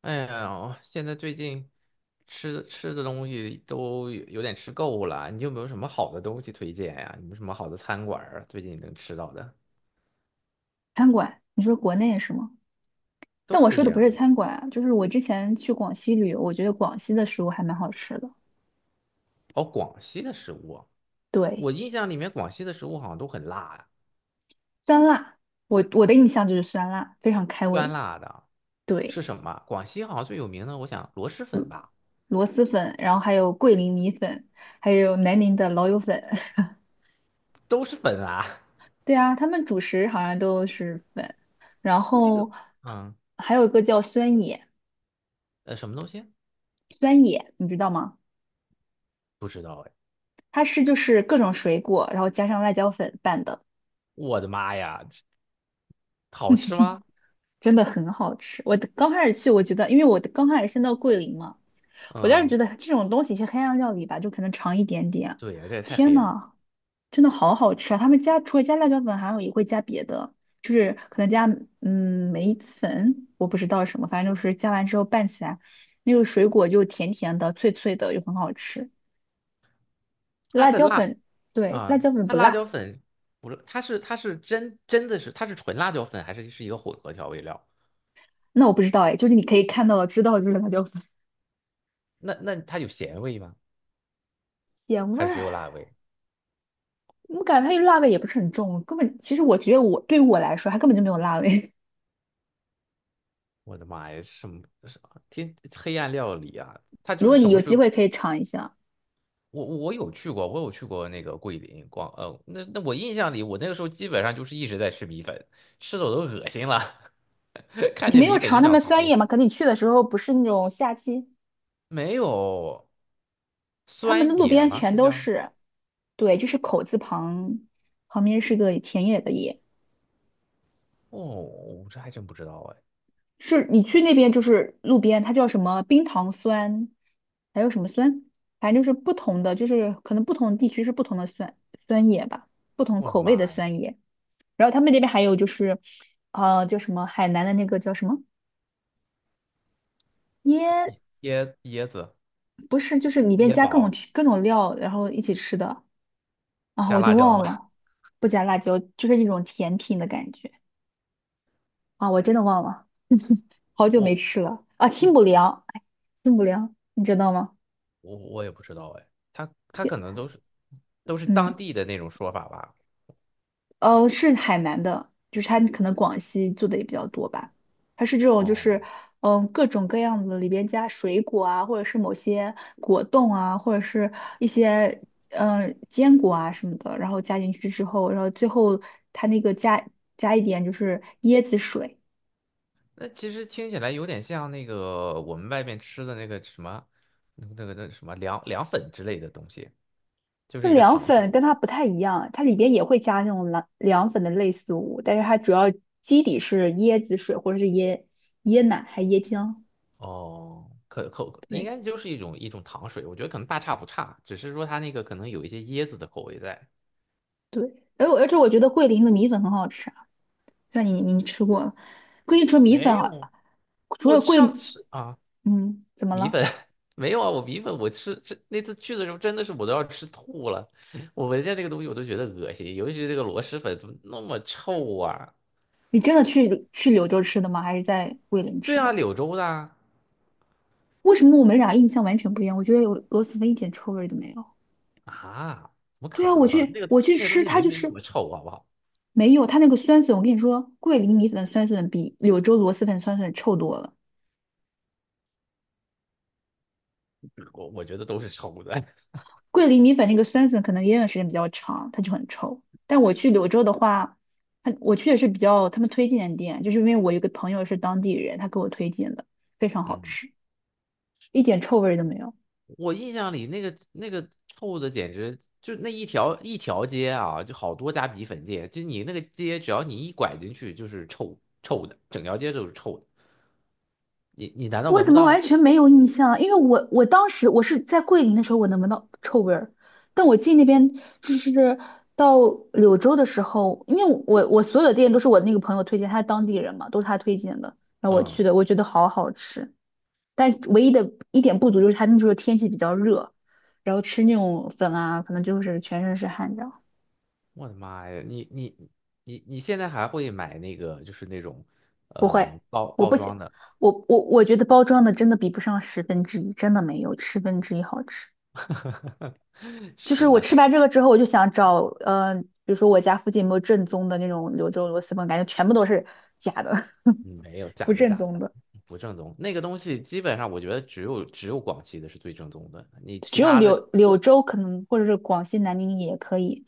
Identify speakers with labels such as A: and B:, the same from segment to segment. A: 哎呀，现在最近吃的东西都有点吃够了，你有没有什么好的东西推荐呀？有没有什么好的餐馆儿啊？最近能吃到的
B: 餐馆，你说国内是吗？
A: 都
B: 但我
A: 可
B: 说
A: 以
B: 的不
A: 啊。
B: 是餐馆啊，就是我之前去广西旅游，我觉得广西的食物还蛮好吃的。
A: 哦，广西的食物啊，
B: 对，
A: 我印象里面广西的食物好像都很辣呀，
B: 酸辣，我的印象就是酸辣，非常开
A: 酸
B: 胃。
A: 辣的是
B: 对，
A: 什么？广西好像最有名的，我想螺蛳粉吧，
B: 螺蛳粉，然后还有桂林米粉，还有南宁的老友粉。
A: 都是粉啊。
B: 对啊，他们主食好像都是粉，然
A: 那个，
B: 后
A: 嗯，
B: 还有一个叫酸野，
A: 什么东西？
B: 酸野你知道吗？
A: 不知道哎。
B: 它是就是各种水果，然后加上辣椒粉拌的。
A: 我的妈呀，好吃吗？
B: 真的很好吃。我的刚开始去，我觉得，因为我的刚开始先到桂林嘛，我当时
A: 嗯，
B: 觉得这种东西是黑暗料理吧，就可能尝一点点。
A: 对呀，这也太
B: 天
A: 黑暗了。
B: 呐，真的好好吃啊！他们加除了加辣椒粉，还有也会加别的，就是可能加梅子粉，我不知道什么，反正就是加完之后拌起来，那个水果就甜甜的、脆脆的，又很好吃。
A: 它
B: 辣
A: 的
B: 椒
A: 辣
B: 粉，对，辣
A: 啊，
B: 椒粉
A: 它
B: 不
A: 辣椒
B: 辣，
A: 粉不是，它是它是真的是纯辣椒粉，还是是一个混合调味料？
B: 那我不知道哎，就是你可以看到的、知道的就是辣椒粉，
A: 那它有咸味吗？
B: 点味
A: 还是只
B: 儿。
A: 有辣味？
B: 我感觉它这辣味也不是很重，根本其实我觉得我对于我来说，它根本就没有辣味。
A: 我的妈呀，什么黑暗料理啊！它
B: 如
A: 就是
B: 果你
A: 什么
B: 有
A: 水
B: 机
A: 果？
B: 会可以尝一下，
A: 我有去过，我有去过那个桂林广，那我印象里，我那个时候基本上就是一直在吃米粉，吃的我都恶心了，看
B: 你
A: 见
B: 没有
A: 米粉就
B: 尝他
A: 想
B: 们酸
A: 吐。
B: 叶吗？可能你去的时候不是那种夏季，
A: 没有
B: 他们的
A: 酸
B: 路
A: 野
B: 边
A: 吗？
B: 全
A: 是
B: 都
A: 叫？
B: 是，对，就是口字旁，旁边是个田野的野，
A: 哦，我这还真不知道啊。
B: 是你去那边就是路边，它叫什么冰糖酸，还有什么酸，反正就是不同的，就是可能不同地区是不同的酸叶吧，不同
A: 我的
B: 口味的
A: 妈呀，
B: 酸叶。然后他们那边还有就是，叫什么海南的那个叫什么腌，
A: 椰子
B: 不是，就是里边
A: 椰
B: 加各种
A: 宝
B: 各种料，然后一起吃的啊，
A: 加
B: 我已
A: 辣
B: 经
A: 椒吗？
B: 忘了，不加辣椒，就是一种甜品的感觉啊，我真的忘了，好 久没
A: 我
B: 吃了啊，清
A: 嗯，
B: 补凉，哎，清补凉，你知道吗？
A: 我也不知道哎，它它可能都是都是当
B: 嗯。
A: 地的那种说法吧。
B: 是海南的，就是它可能广西做的也比较多吧。它是这种，就
A: 哦，
B: 是各种各样的里边加水果啊，或者是某些果冻啊，或者是一些坚果啊什么的，然后加进去之后，然后最后它那个加一点就是椰子水。
A: 那其实听起来有点像那个我们外面吃的那个什么，那个什么凉凉粉之类的东西，就
B: 那
A: 是一个
B: 凉
A: 糖
B: 粉
A: 水。
B: 跟它不太一样，它里边也会加那种凉粉的类似物，但是它主要基底是椰子水或者是椰奶还椰浆。
A: 哦，可口应
B: 对。
A: 该就是一种糖水，我觉得可能大差不差，只是说它那个可能有一些椰子的口味在。
B: 对，而且我觉得桂林的米粉很好吃啊，虽然你吃过了，桂林除了米粉
A: 没
B: 啊，
A: 有，
B: 除
A: 我
B: 了桂，
A: 上次啊，
B: 嗯，怎么
A: 米
B: 了？
A: 粉 没有啊，我米粉我吃那次去的时候真的是我都要吃吐了，我闻见那个东西我都觉得恶心，尤其是这个螺蛳粉怎么那么臭啊？
B: 你真的去柳州吃的吗？还是在桂林
A: 对
B: 吃的？
A: 啊，柳州的啊，
B: 为什么我们俩印象完全不一样？我觉得有螺蛳粉一点臭味都没有。
A: 啊，怎么
B: 对
A: 可
B: 啊，我
A: 能？
B: 去
A: 那个
B: 我去
A: 那个东
B: 吃，
A: 西
B: 它
A: 明
B: 就
A: 明那
B: 是
A: 么臭，好不好？
B: 没有它那个酸笋。我跟你说，桂林米粉的酸笋比柳州螺蛳粉酸笋臭多了。
A: 我觉得都是臭的。
B: 桂林米粉那个酸笋可能腌的时间比较长，它就很臭。但我去柳州的话，它我去的是比较他们推荐的店，就是因为我有个朋友是当地人，他给我推荐的，非常好
A: 嗯，
B: 吃，一点臭味儿都没有。
A: 我印象里那个臭的简直就那一条街啊，就好多家米粉店，就你那个街只要你一拐进去就是臭的，整条街都是臭的，你难道
B: 我
A: 闻
B: 怎
A: 不
B: 么完
A: 到？
B: 全没有印象啊因为我当时我是在桂林的时候，我能闻到臭味儿，但我进那边就是到柳州的时候，因为我所有的店都是我那个朋友推荐，他是当地人嘛，都是他推荐的，然后我去
A: 嗯。
B: 的，我觉得好好吃。但唯一的一点不足就是它那时候天气比较热，然后吃那种粉啊，可能就是全身是汗这样。
A: 我的妈呀，你现在还会买那个就是那种
B: 不会，
A: 包
B: 我
A: 包
B: 不行，
A: 装的？
B: 我觉得包装的真的比不上十分之一，真的没有十分之一好吃。就是
A: 是，
B: 我
A: 那是
B: 吃完这个之后，我就想找，比如说我家附近有没有正宗的那种柳州螺蛳粉，感觉全部都是假的，
A: 嗯，没有，
B: 不
A: 假的
B: 正
A: 假的假
B: 宗的，
A: 的不正宗。那个东西基本上我觉得只有广西的是最正宗的，你其
B: 只有
A: 他的
B: 柳州可能或者是广西南宁也可以，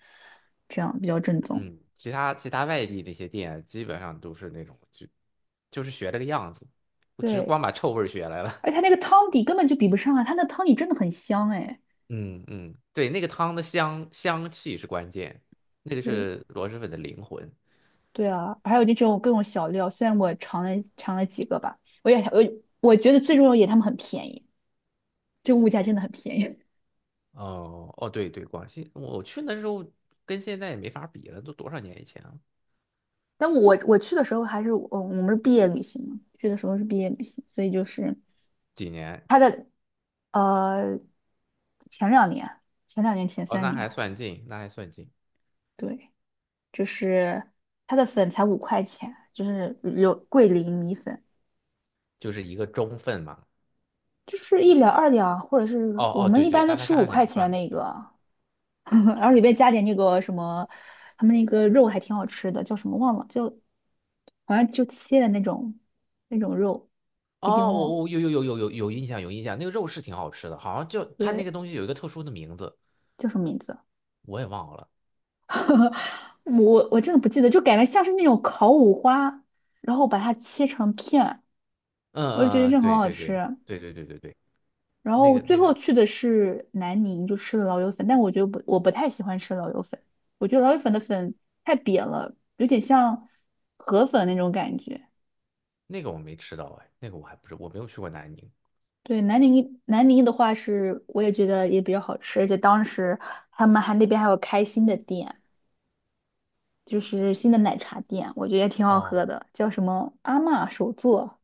B: 这样比较正宗。
A: 嗯，其他外地那些店基本上都是那种就就是学这个样子，我只
B: 对。
A: 光把臭味儿学来了。
B: 而且它 那个汤底根本就比不上啊，它那汤底真的很香哎。
A: 嗯嗯，对，那个汤的香香气是关键，那个
B: 对
A: 是螺蛳粉的灵魂。
B: 对啊，还有那种各种小料，虽然我尝了几个吧，我也我觉得最重要一点，他们很便宜，这个物价真的很便宜。
A: 哦哦，对对，广西，我去那时候跟现在也没法比了，都多少年以前了？
B: 但我去的时候还是我们是毕业旅行嘛，去的时候是毕业旅行，所以就是
A: 几年？
B: 它的呃前两年前
A: 哦，
B: 三
A: 那
B: 年
A: 还
B: 啊，
A: 算近，那还算近，
B: 对，就是它的粉才五块钱，就是有桂林米粉。
A: 就是一个中份嘛。
B: 就是1两2两，或者
A: 哦
B: 是我
A: 哦，
B: 们
A: 对
B: 一
A: 对，
B: 般都
A: 它它
B: 吃
A: 是
B: 五
A: 按
B: 块
A: 两算
B: 钱
A: 的，
B: 那
A: 对。
B: 个，然后里面加点那个什么，他们那个肉还挺好吃的，叫什么忘了，就好像就切的那种肉，已经
A: 哦，
B: 忘了，
A: 我有有有有有有印象，有印象，那个肉是挺好吃的，好像就它那个
B: 对，
A: 东西有一个特殊的名字，
B: 叫什么名字啊？
A: 我也忘了。
B: 我真的不记得，就感觉像是那种烤五花，然后把它切成片，
A: 嗯
B: 我就觉得
A: 嗯嗯，
B: 这很
A: 对
B: 好
A: 对对
B: 吃。
A: 对对对对对，
B: 然
A: 那
B: 后
A: 个
B: 最
A: 那个
B: 后去的是南宁，就吃了老友粉，但我觉得不，我不太喜欢吃老友粉，我觉得老友粉的粉太扁了，有点像河粉那种感觉。
A: 那个我没吃到哎，那个我还不是我没有去过南宁。
B: 对，南宁的话是，我也觉得也比较好吃，而且当时他们还那边还有开新的店，就是新的奶茶店，我觉得也挺好
A: 哦，
B: 喝的，叫什么阿嬷手作。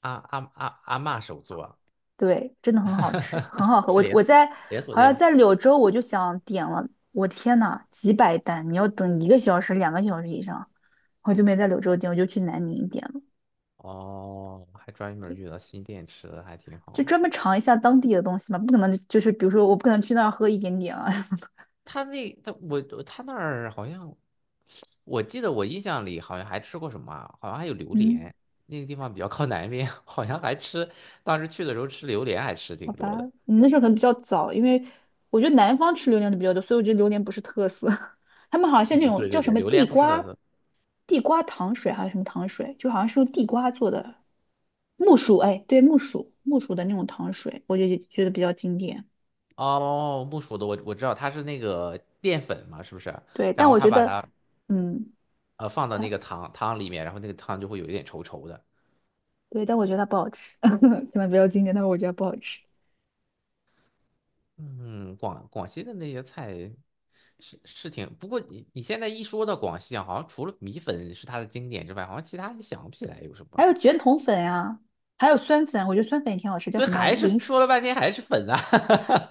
A: 阿嬷手作啊，
B: 对，真的很好吃，很 好喝。
A: 是
B: 我
A: 连
B: 我
A: 锁，
B: 在
A: 连锁
B: 好
A: 店
B: 像
A: 吗？
B: 在柳州，我就想点了，我天呐，几百单，你要等1个小时、2个小时以上，我就没在柳州点，我就去南宁点了，
A: 哦，还专门遇到新电池的，还挺好
B: 就
A: 的。
B: 专门尝一下当地的东西嘛，不可能就是比如说我不可能去那儿喝一点点啊。
A: 他那他我他那儿好像，我记得我印象里好像还吃过什么啊，好像还有榴
B: 嗯，
A: 莲。那个地方比较靠南边，好像还吃，当时去的时候吃榴莲还吃挺
B: 好
A: 多
B: 吧，
A: 的。
B: 你那时候可能比较早，因为我觉得南方吃榴莲的比较多，所以我觉得榴莲不是特色。他们好像像那
A: 嗯，
B: 种
A: 对
B: 叫
A: 对
B: 什
A: 对，
B: 么
A: 榴
B: 地
A: 莲不是特
B: 瓜
A: 色。
B: 地瓜糖水还是什么糖水，就好像是用地瓜做的，木薯，哎，对，木薯，的那种糖水，我就觉得比较经典。
A: 哦，木薯的我知道，它是那个淀粉嘛，是不是？
B: 对，
A: 然
B: 但
A: 后
B: 我
A: 他
B: 觉
A: 把
B: 得，
A: 它
B: 嗯，
A: 放到那
B: 它，
A: 个汤里面，然后那个汤就会有一点稠稠的。
B: 对，但我觉得它不好吃，可能比较经典，但是我觉得不好吃。
A: 嗯，广西的那些菜是是挺，不过你你现在一说到广西啊，好像除了米粉是它的经典之外，好像其他也想不起来有什
B: 还
A: 么。
B: 有卷筒粉呀，还有酸粉，我觉得酸粉也挺好吃，叫
A: 对，
B: 什么
A: 还是
B: 零食？
A: 说了半天还是粉啊。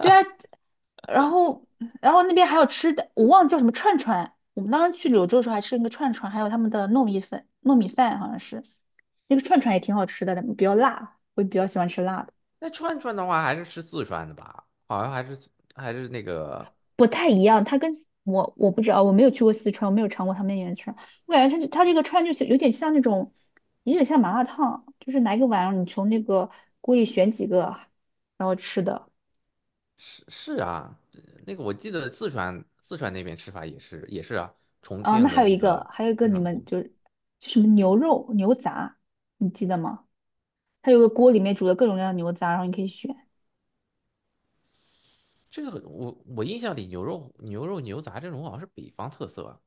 B: 对 啊，然后，然后那边还有吃的，我忘了叫什么串串。我们当时去柳州的时候还吃那个串串，还有他们的糯米粉、糯米饭，好像是那个串串也挺好吃的，但比较辣，我比较喜欢吃辣的。
A: 那串串的话，还是吃四川的吧？好像还是，还是那个，
B: 不太一样，它跟我不知道，我没有去过四川，我没有尝过他们那边的串，我感觉它这个串就是有点像那种，有点像麻辣烫，就是拿一个碗，你从那个锅里选几个，然后吃的。
A: 是是啊，那个我记得四川那边吃法也是也是啊，重
B: 啊，那
A: 庆的
B: 还有一
A: 那个
B: 个，还有一个
A: 串
B: 你
A: 串
B: 们
A: 锅，
B: 就是就什么牛肉牛杂，你记得吗？它有个锅里面煮的各种各样的牛杂，然后你可以选。
A: 这个我印象里牛肉牛杂这种好像是北方特色啊。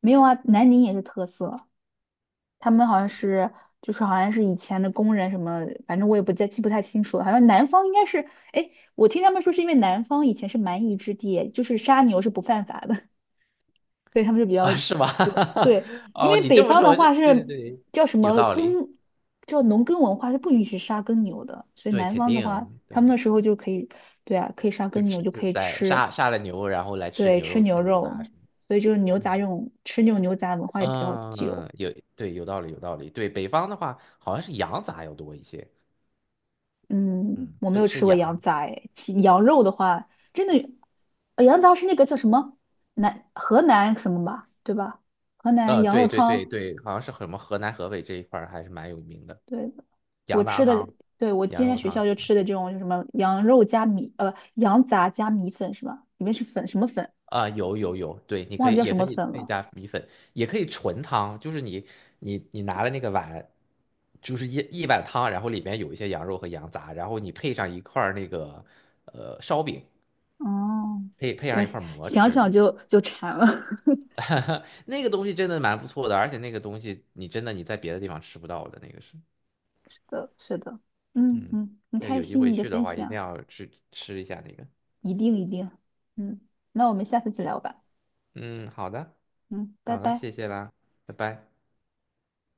B: 没有啊，南宁也是特色。他们好像是，就是好像是以前的工人什么，反正我也不太清楚了。好像南方应该是，哎，我听他们说是因为南方以前是蛮夷之地，就是杀牛是不犯法的，所以他们就比 较
A: 啊，是吗？
B: 多。对，因
A: 哦，
B: 为
A: 你
B: 北
A: 这么
B: 方的
A: 说，对
B: 话
A: 对
B: 是
A: 对，
B: 叫什
A: 有
B: 么
A: 道理，
B: 耕，叫农耕文化是不允许杀耕牛的，所以
A: 对，
B: 南
A: 肯
B: 方的
A: 定啊，
B: 话，他们
A: 对，
B: 那时候就可以，对啊，可以杀
A: 就
B: 耕牛
A: 是
B: 就
A: 就
B: 可以
A: 在
B: 吃，
A: 杀了牛，然后来吃
B: 对，
A: 牛
B: 吃
A: 肉、
B: 牛
A: 吃牛杂
B: 肉，
A: 什么的。
B: 所以就是牛杂这种牛杂文化也比较久。
A: 嗯，有，对，有道理，有道理。对，北方的话，好像是羊杂要多一些，
B: 嗯，
A: 嗯，
B: 我没
A: 是
B: 有
A: 吃
B: 吃过羊
A: 羊。
B: 杂诶其羊肉的话，真的，羊杂是那个叫什么河南什么吧，对吧？河南
A: 呃，
B: 羊肉
A: 对对对
B: 汤，
A: 对，好像是什么河南、河北这一块儿还是蛮有名的，
B: 对，我
A: 羊杂
B: 吃的，
A: 汤、
B: 对，我
A: 羊
B: 今天
A: 肉
B: 在学
A: 汤。
B: 校就吃的这种，就什么羊肉加米，羊杂加米粉是吧？里面是粉什么粉，
A: 啊，有有有，对，你可
B: 忘记
A: 以，
B: 叫
A: 也
B: 什
A: 可
B: 么
A: 以，
B: 粉
A: 可以
B: 了。
A: 加米粉，也可以纯汤，就是你，你拿了那个碗，就是一碗汤，然后里面有一些羊肉和羊杂，然后你配上一块儿那个烧饼，
B: 哦，
A: 配上
B: 感
A: 一块儿馍
B: 想
A: 吃，
B: 想就馋了。
A: 那个东西真的蛮不错的，而且那个东西你真的你在别的地方吃不到的，那个是，
B: 是的，是的，嗯
A: 嗯，
B: 嗯，很
A: 要
B: 开
A: 有机
B: 心
A: 会
B: 你的
A: 去的
B: 分
A: 话一定
B: 享，
A: 要去吃一下那个，
B: 一定一定，嗯，那我们下次再聊吧，
A: 嗯，好的，
B: 嗯，拜
A: 好的，
B: 拜。
A: 谢谢啦，拜拜。